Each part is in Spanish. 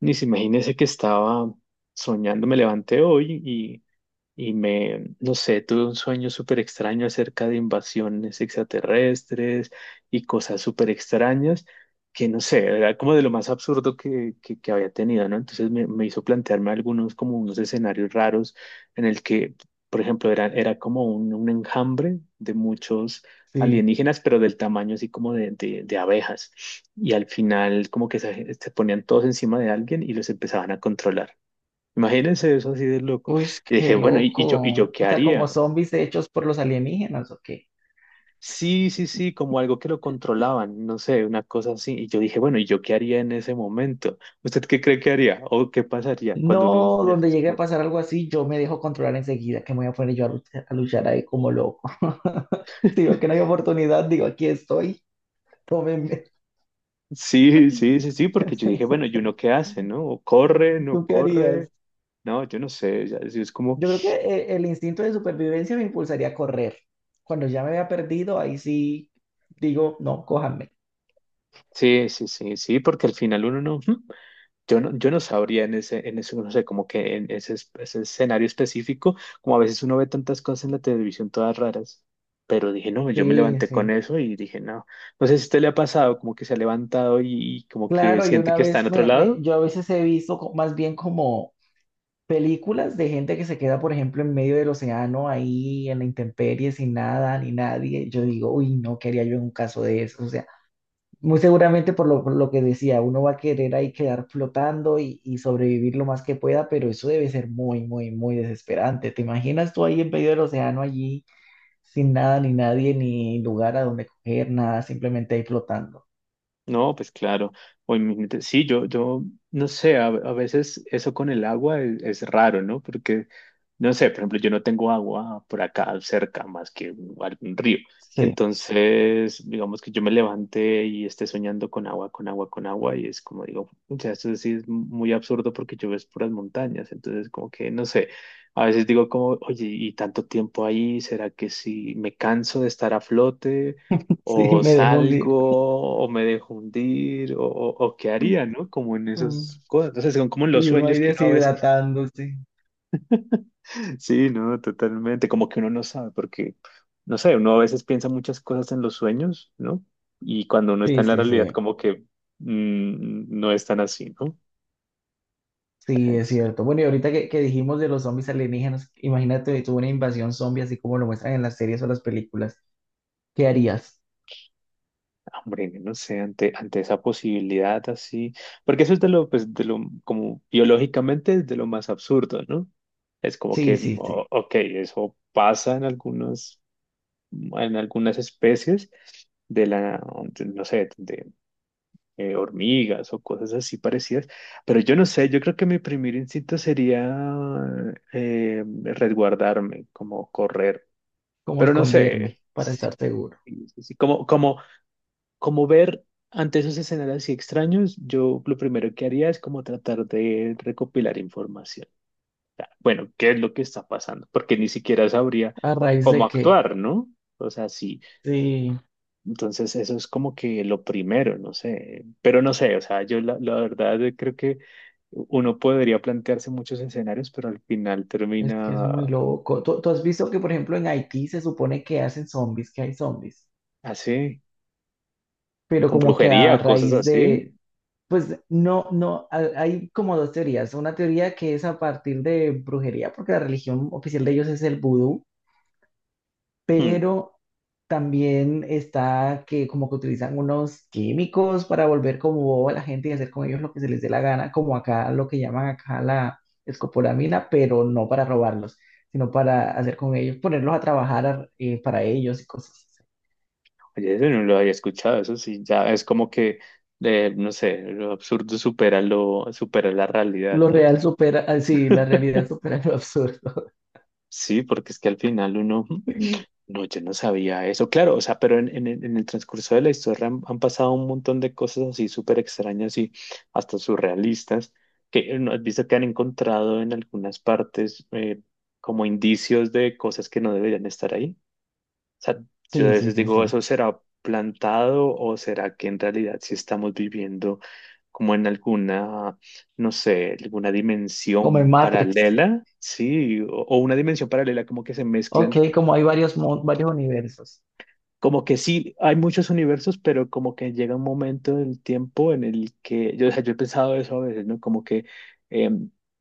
Ni se imagínese que estaba soñando, me levanté hoy y me, no sé, tuve un sueño súper extraño acerca de invasiones extraterrestres y cosas súper extrañas que no sé, era como de lo más absurdo que había tenido, ¿no? Entonces me hizo plantearme algunos como unos escenarios raros en el que, por ejemplo, era como un enjambre de muchos Sí. alienígenas, pero del tamaño así como de abejas. Y al final como que se ponían todos encima de alguien y los empezaban a controlar. Imagínense eso así de loco. Uy, Y dije, qué bueno, ¿y, y yo, y loco. yo O qué sea, como haría? zombies hechos por los alienígenas, ¿o qué? Sí, sí, sí, como algo que lo controlaban, no sé, una cosa así. Y yo dije, bueno, ¿y yo qué haría en ese momento? ¿Usted qué cree que haría? ¿O qué pasaría cuando uno No, ve donde esas llegue a cosas? pasar algo así, yo me dejo controlar enseguida, que me voy a poner yo a luchar ahí como loco. Si veo que no hay oportunidad, digo, aquí estoy, tómenme. Sí, sí, sí, sí, porque yo dije, bueno, ¿y uno qué hace, no? ¿O Mm, ¿tú qué corre? harías? No, yo no sé, ya, es como, Yo creo que el instinto de supervivencia me impulsaría a correr. Cuando ya me había perdido, ahí sí digo, no, cójanme. sí, sí, sí, sí, porque al final uno no. Yo no, yo no sabría en ese, no sé, como que en ese, ese escenario específico, como a veces uno ve tantas cosas en la televisión todas raras, pero dije, no, yo me Sí, levanté con sí. eso y dije, no, no sé si a usted le ha pasado, como que se ha levantado y como que Claro, y siente una que está en vez otro lado. yo a veces he visto más bien como películas de gente que se queda, por ejemplo, en medio del océano, ahí en la intemperie, sin nada, ni nadie. Yo digo, uy, no, ¿qué haría yo en un caso de eso? O sea, muy seguramente por lo que decía, uno va a querer ahí quedar flotando y sobrevivir lo más que pueda, pero eso debe ser muy, muy, muy desesperante. ¿Te imaginas tú ahí en medio del océano, allí, sin nada, ni nadie, ni lugar a donde coger, nada, simplemente ahí flotando? No, pues claro, o en sí, yo, no sé, a veces eso con el agua es raro, ¿no? Porque no sé, por ejemplo, yo no tengo agua por acá cerca más que algún río. Sí, Entonces, digamos que yo me levante y esté soñando con agua, con agua, con agua, y es como digo, o sea, esto sí es muy absurdo porque yo ves puras montañas. Entonces, como que, no sé, a veces digo como, oye, y tanto tiempo ahí, ¿será que si me canso de estar a flote? sí, O me dejó salgo, hundir. o me dejo hundir, o qué haría, ¿no? Como en Mm. esas cosas. Entonces, son como los Y uno sueños ahí que uno a veces deshidratándose. sí, no, totalmente. Como que uno no sabe, porque, no sé, uno a veces piensa muchas cosas en los sueños, ¿no? Y cuando uno está Sí, en la sí, realidad, sí. como que no es tan así, ¿no? Ay, Sí, no es sé, cierto. Bueno, y ahorita que dijimos de los zombies alienígenas, imagínate tú una invasión zombie así como lo muestran en las series o las películas. ¿Qué harías? hombre, no sé, ante esa posibilidad así, porque eso es de lo, pues, de lo, como biológicamente es de lo más absurdo, ¿no? Es como Sí, que, sí, sí. Ok, eso pasa en algunas especies de la, no sé, hormigas o cosas así parecidas. Pero yo no sé, yo creo que mi primer instinto sería resguardarme, como correr. ¿Cómo Pero no esconderme sé, para sí, estar seguro? sí, sí, como ver ante esos escenarios así extraños, yo lo primero que haría es como tratar de recopilar información. Bueno, ¿qué es lo que está pasando? Porque ni siquiera sabría ¿A raíz cómo de qué? actuar, ¿no? O sea, sí. Sí, Entonces, eso es como que lo primero, no sé, pero no sé, o sea, yo la verdad creo que uno podría plantearse muchos escenarios, pero al final es que es muy termina loco. ¿Tú has visto que, por ejemplo, en Haití se supone que hacen zombies, que hay zombies, así, pero con como que a brujería, cosas raíz así. de... Pues no, no, hay como dos teorías. Una teoría que es a partir de brujería, porque la religión oficial de ellos es el vudú, Hmm, pero también está que como que utilizan unos químicos para volver como boba a la gente y hacer con ellos lo que se les dé la gana, como acá lo que llaman acá la escopolamina, pero no para robarlos, sino para hacer con ellos, ponerlos a trabajar para ellos y cosas así. Oye, eso no lo había escuchado, eso sí, ya es como que, no sé, lo absurdo supera lo, supera la realidad, Lo ¿no? real supera, ah, sí, la realidad supera lo absurdo. Sí, porque es que al final uno no, yo no sabía eso, claro, o sea, pero en, en el transcurso de la historia han, han pasado un montón de cosas así súper extrañas y hasta surrealistas, que no has visto que han encontrado en algunas partes como indicios de cosas que no deberían estar ahí. O sea, yo a Sí, sí, veces sí, digo, sí. ¿eso será plantado o será que en realidad sí estamos viviendo como en alguna, no sé, alguna Como en dimensión Matrix. paralela? Sí, o una dimensión paralela como que se Ok, mezclan como hay varios, varios universos. como que sí, hay muchos universos, pero como que llega un momento del tiempo en el que yo, o sea, yo he pensado eso a veces, ¿no? Como que, eh,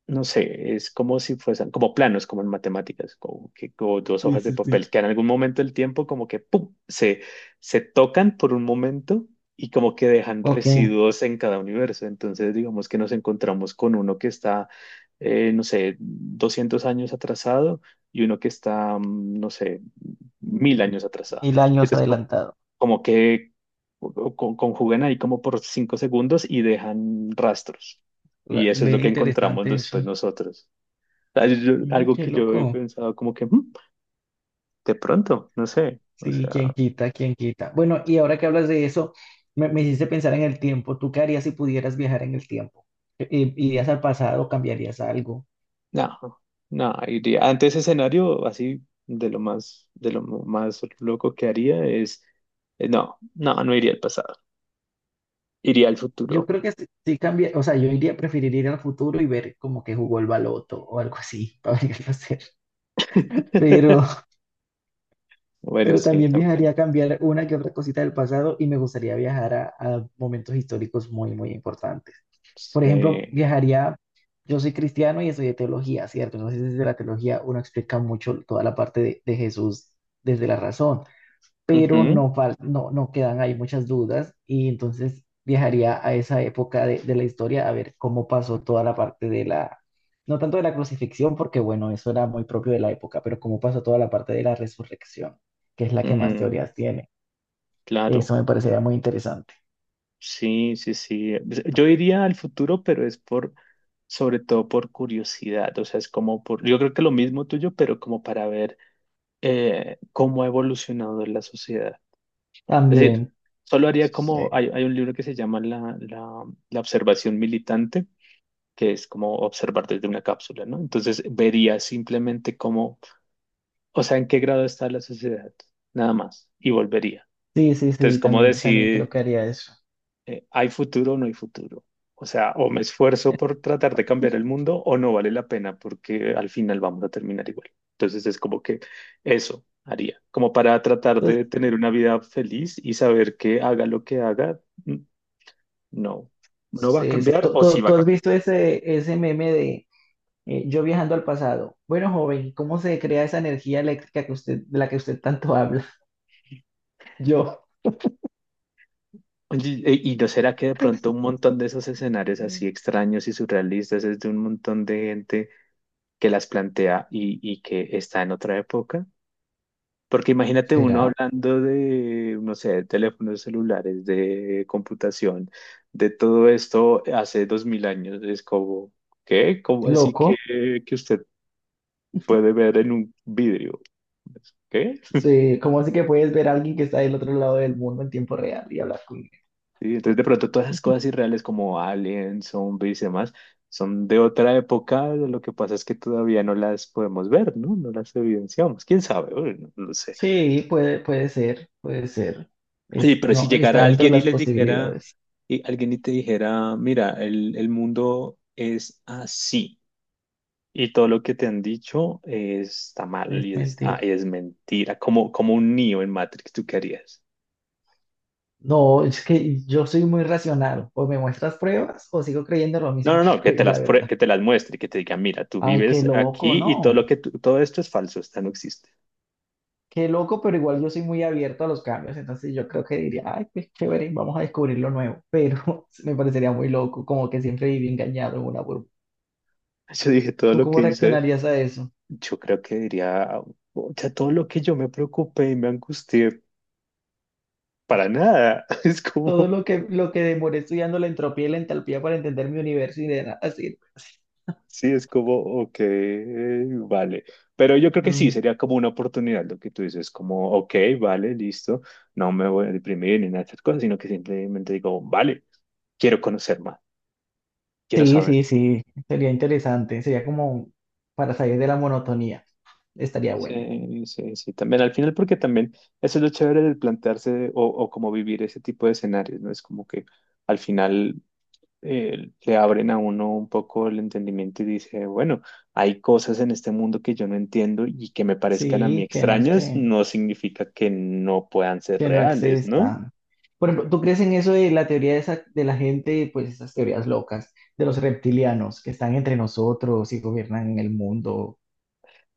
no sé, es como si fuesen, como planos, como en matemáticas, como que como dos Sí, hojas de sí, sí. papel, que en algún momento del tiempo como que, ¡pum!, se tocan por un momento y como que dejan Ok. residuos en cada universo. Entonces, digamos que nos encontramos con uno que está, no sé, 200 años atrasado y uno que está, no sé, Mm. 1000 años atrasado. 1000 años Entonces, como, adelantado. como que conjugan ahí como por 5 segundos y dejan rastros. Y eso es Ve lo que encontramos interesante eso. después nosotros. Ah, Mm, algo qué que yo he loco. pensado como que "Mm, de pronto, no sé, o Sí, quién sea, quita, quién quita. Bueno, y ahora que hablas de eso, me hiciste pensar en el tiempo. ¿Tú qué harías si pudieras viajar en el tiempo? ¿Irías al pasado, cambiarías algo? no, no, iría. Ante ese escenario, así de lo más loco que haría es, no, no iría al pasado, iría al Yo futuro. creo que sí, sí cambia, o sea, yo iría, preferiría ir al futuro y ver como que jugó el baloto o algo así para ver qué va. Pero... Bueno, Pero sí, también también. viajaría a cambiar una que otra cosita del pasado y me gustaría viajar a momentos históricos muy, muy importantes. Por ejemplo, Sí. viajaría, yo soy cristiano y estudié teología, ¿cierto? Entonces, desde la teología uno explica mucho toda la parte de Jesús desde la razón, pero Ujú, no, no, no quedan ahí muchas dudas y entonces viajaría a esa época de la historia a ver cómo pasó toda la parte de la, no tanto de la crucifixión, porque bueno, eso era muy propio de la época, pero cómo pasó toda la parte de la resurrección, que es la que más ujú, teorías tiene. claro. Eso me parecería muy interesante. Sí, sí, sí. Pues, yo iría al futuro, pero es por, sobre todo por curiosidad. O sea, es como por, yo creo que lo mismo tuyo, pero como para ver cómo ha evolucionado la sociedad. Es decir, También, solo haría sí, como, hay un libro que se llama la observación militante, que es como observar desde una cápsula, ¿no? Entonces vería simplemente cómo, o sea, en qué grado está la sociedad, nada más, y volvería. sí, sí, Entonces, sí, ¿cómo también, también creo decir? que haría eso. ¿Hay futuro o no hay futuro? O sea, o me esfuerzo por tratar de cambiar el mundo o no vale la pena porque al final vamos a terminar igual. Entonces es como que eso haría, como para tratar Entonces, de tener una vida feliz y saber que haga lo que haga, mm, no, no va a sí, sí. cambiar ¿Tú, o sí tú- va tú a has cambiar. visto ese, ese meme? Yo viajando al pasado. Bueno, joven, ¿cómo se crea esa energía eléctrica que usted, de la que usted tanto habla? Yo... Oye, ¿y no será que de pronto un montón de esos escenarios así extraños y surrealistas es de un montón de gente que las plantea y que está en otra época? Porque imagínate uno ¿Será? hablando de, no sé, de teléfonos celulares, de computación, de todo esto hace 2000 años. Es como, ¿qué? ¿Cómo así Loco. que usted puede ver en un vidrio? Pues, ¿qué? Sí, ¿cómo así que puedes ver a alguien que está del otro lado del mundo en tiempo real y hablar con él? Y entonces de pronto todas esas cosas irreales como aliens, zombies y demás, son de otra época. Lo que pasa es que todavía no las podemos ver, ¿no? No las evidenciamos. ¿Quién sabe? Bueno, no lo sé. Sí, puede, puede ser, puede ser. Sí, Es, pero si no, está llegara dentro de alguien y las les dijera, posibilidades. y alguien y te dijera, mira, el mundo es así y todo lo que te han dicho está mal Es y está, mentira. es mentira, como, como un niño en Matrix, ¿tú qué harías? No, es que yo soy muy racional. O me muestras pruebas o sigo creyendo lo No, mismo no, que no, creo, la verdad. que te las muestre y que te diga, mira, tú Ay, qué vives loco, aquí y todo lo ¿no? que todo esto es falso, esto no existe. Qué loco, pero igual yo soy muy abierto a los cambios, entonces yo creo que diría, ay, pues chévere, vamos a descubrir lo nuevo, pero me parecería muy loco, como que siempre viví engañado en una burbuja. Yo dije, todo ¿Tú lo cómo que hice, reaccionarías a eso? yo creo que diría, o sea, todo lo que yo me preocupé y me angustié, para nada, es Todo como... lo que demoré estudiando la entropía y la entalpía para entender mi universo y de nada sirve. Sí, es como, ok, vale. Pero yo creo que sí, Mm. sería como una oportunidad lo que tú dices, como, ok, vale, listo, no me voy a deprimir ni nada de esas cosas, sino que simplemente digo, vale, quiero conocer más, quiero Sí, saber. sí, sí, sería interesante, sería como para salir de la monotonía, estaría bueno. Sí, sí, sí, también al final, porque también eso es lo chévere del plantearse o como vivir ese tipo de escenarios, ¿no? Es como que al final le abren a uno un poco el entendimiento y dice, bueno, hay cosas en este mundo que yo no entiendo y que me parezcan a mí Sí, que no extrañas, sé. no significa que no puedan ser Que no reales, ¿no? existan. Por ejemplo, ¿tú crees en eso de la teoría de, esa- de la gente, pues esas teorías locas, de los reptilianos que están entre nosotros y gobiernan en el mundo?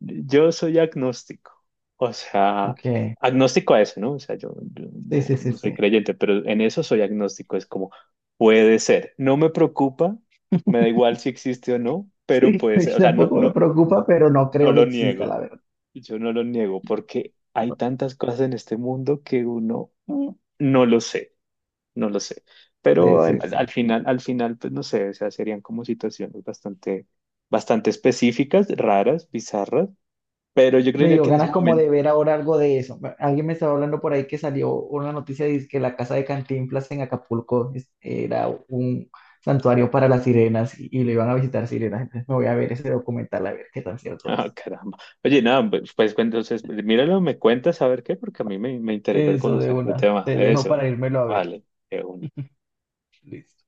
Yo soy agnóstico, o sea, Ok, agnóstico a eso, ¿no? O sea, yo, sí, sí, sí, no soy sí. creyente, pero en eso soy agnóstico, es como, puede ser, no me preocupa, me da igual si existe o no, Sí, pero puede ser, o sea, no, tampoco me no, preocupa, pero no no creo que lo exista, niego. la verdad. Yo no lo niego porque hay tantas cosas en este mundo que uno mm, no lo sé, no lo sé. Sí, Pero sí, al, sí. Al final, pues no sé, o sea, serían como situaciones bastante, bastante específicas, raras, bizarras. Pero yo Me creería dio que en ese ganas como de momento, ver ahora algo de eso. Bueno, alguien me estaba hablando por ahí que salió una noticia de que la casa de Cantinflas en Acapulco era un santuario para las sirenas y lo iban a visitar sirenas. Entonces me voy a ver ese documental a ver qué tan cierto ah, es. caramba. Oye, nada, pues, pues, entonces, míralo, me cuentas a ver qué, porque a mí me interesa Eso de conocer el una. tema. Te dejo Eso, para írmelo a ver. vale, de una. Listo.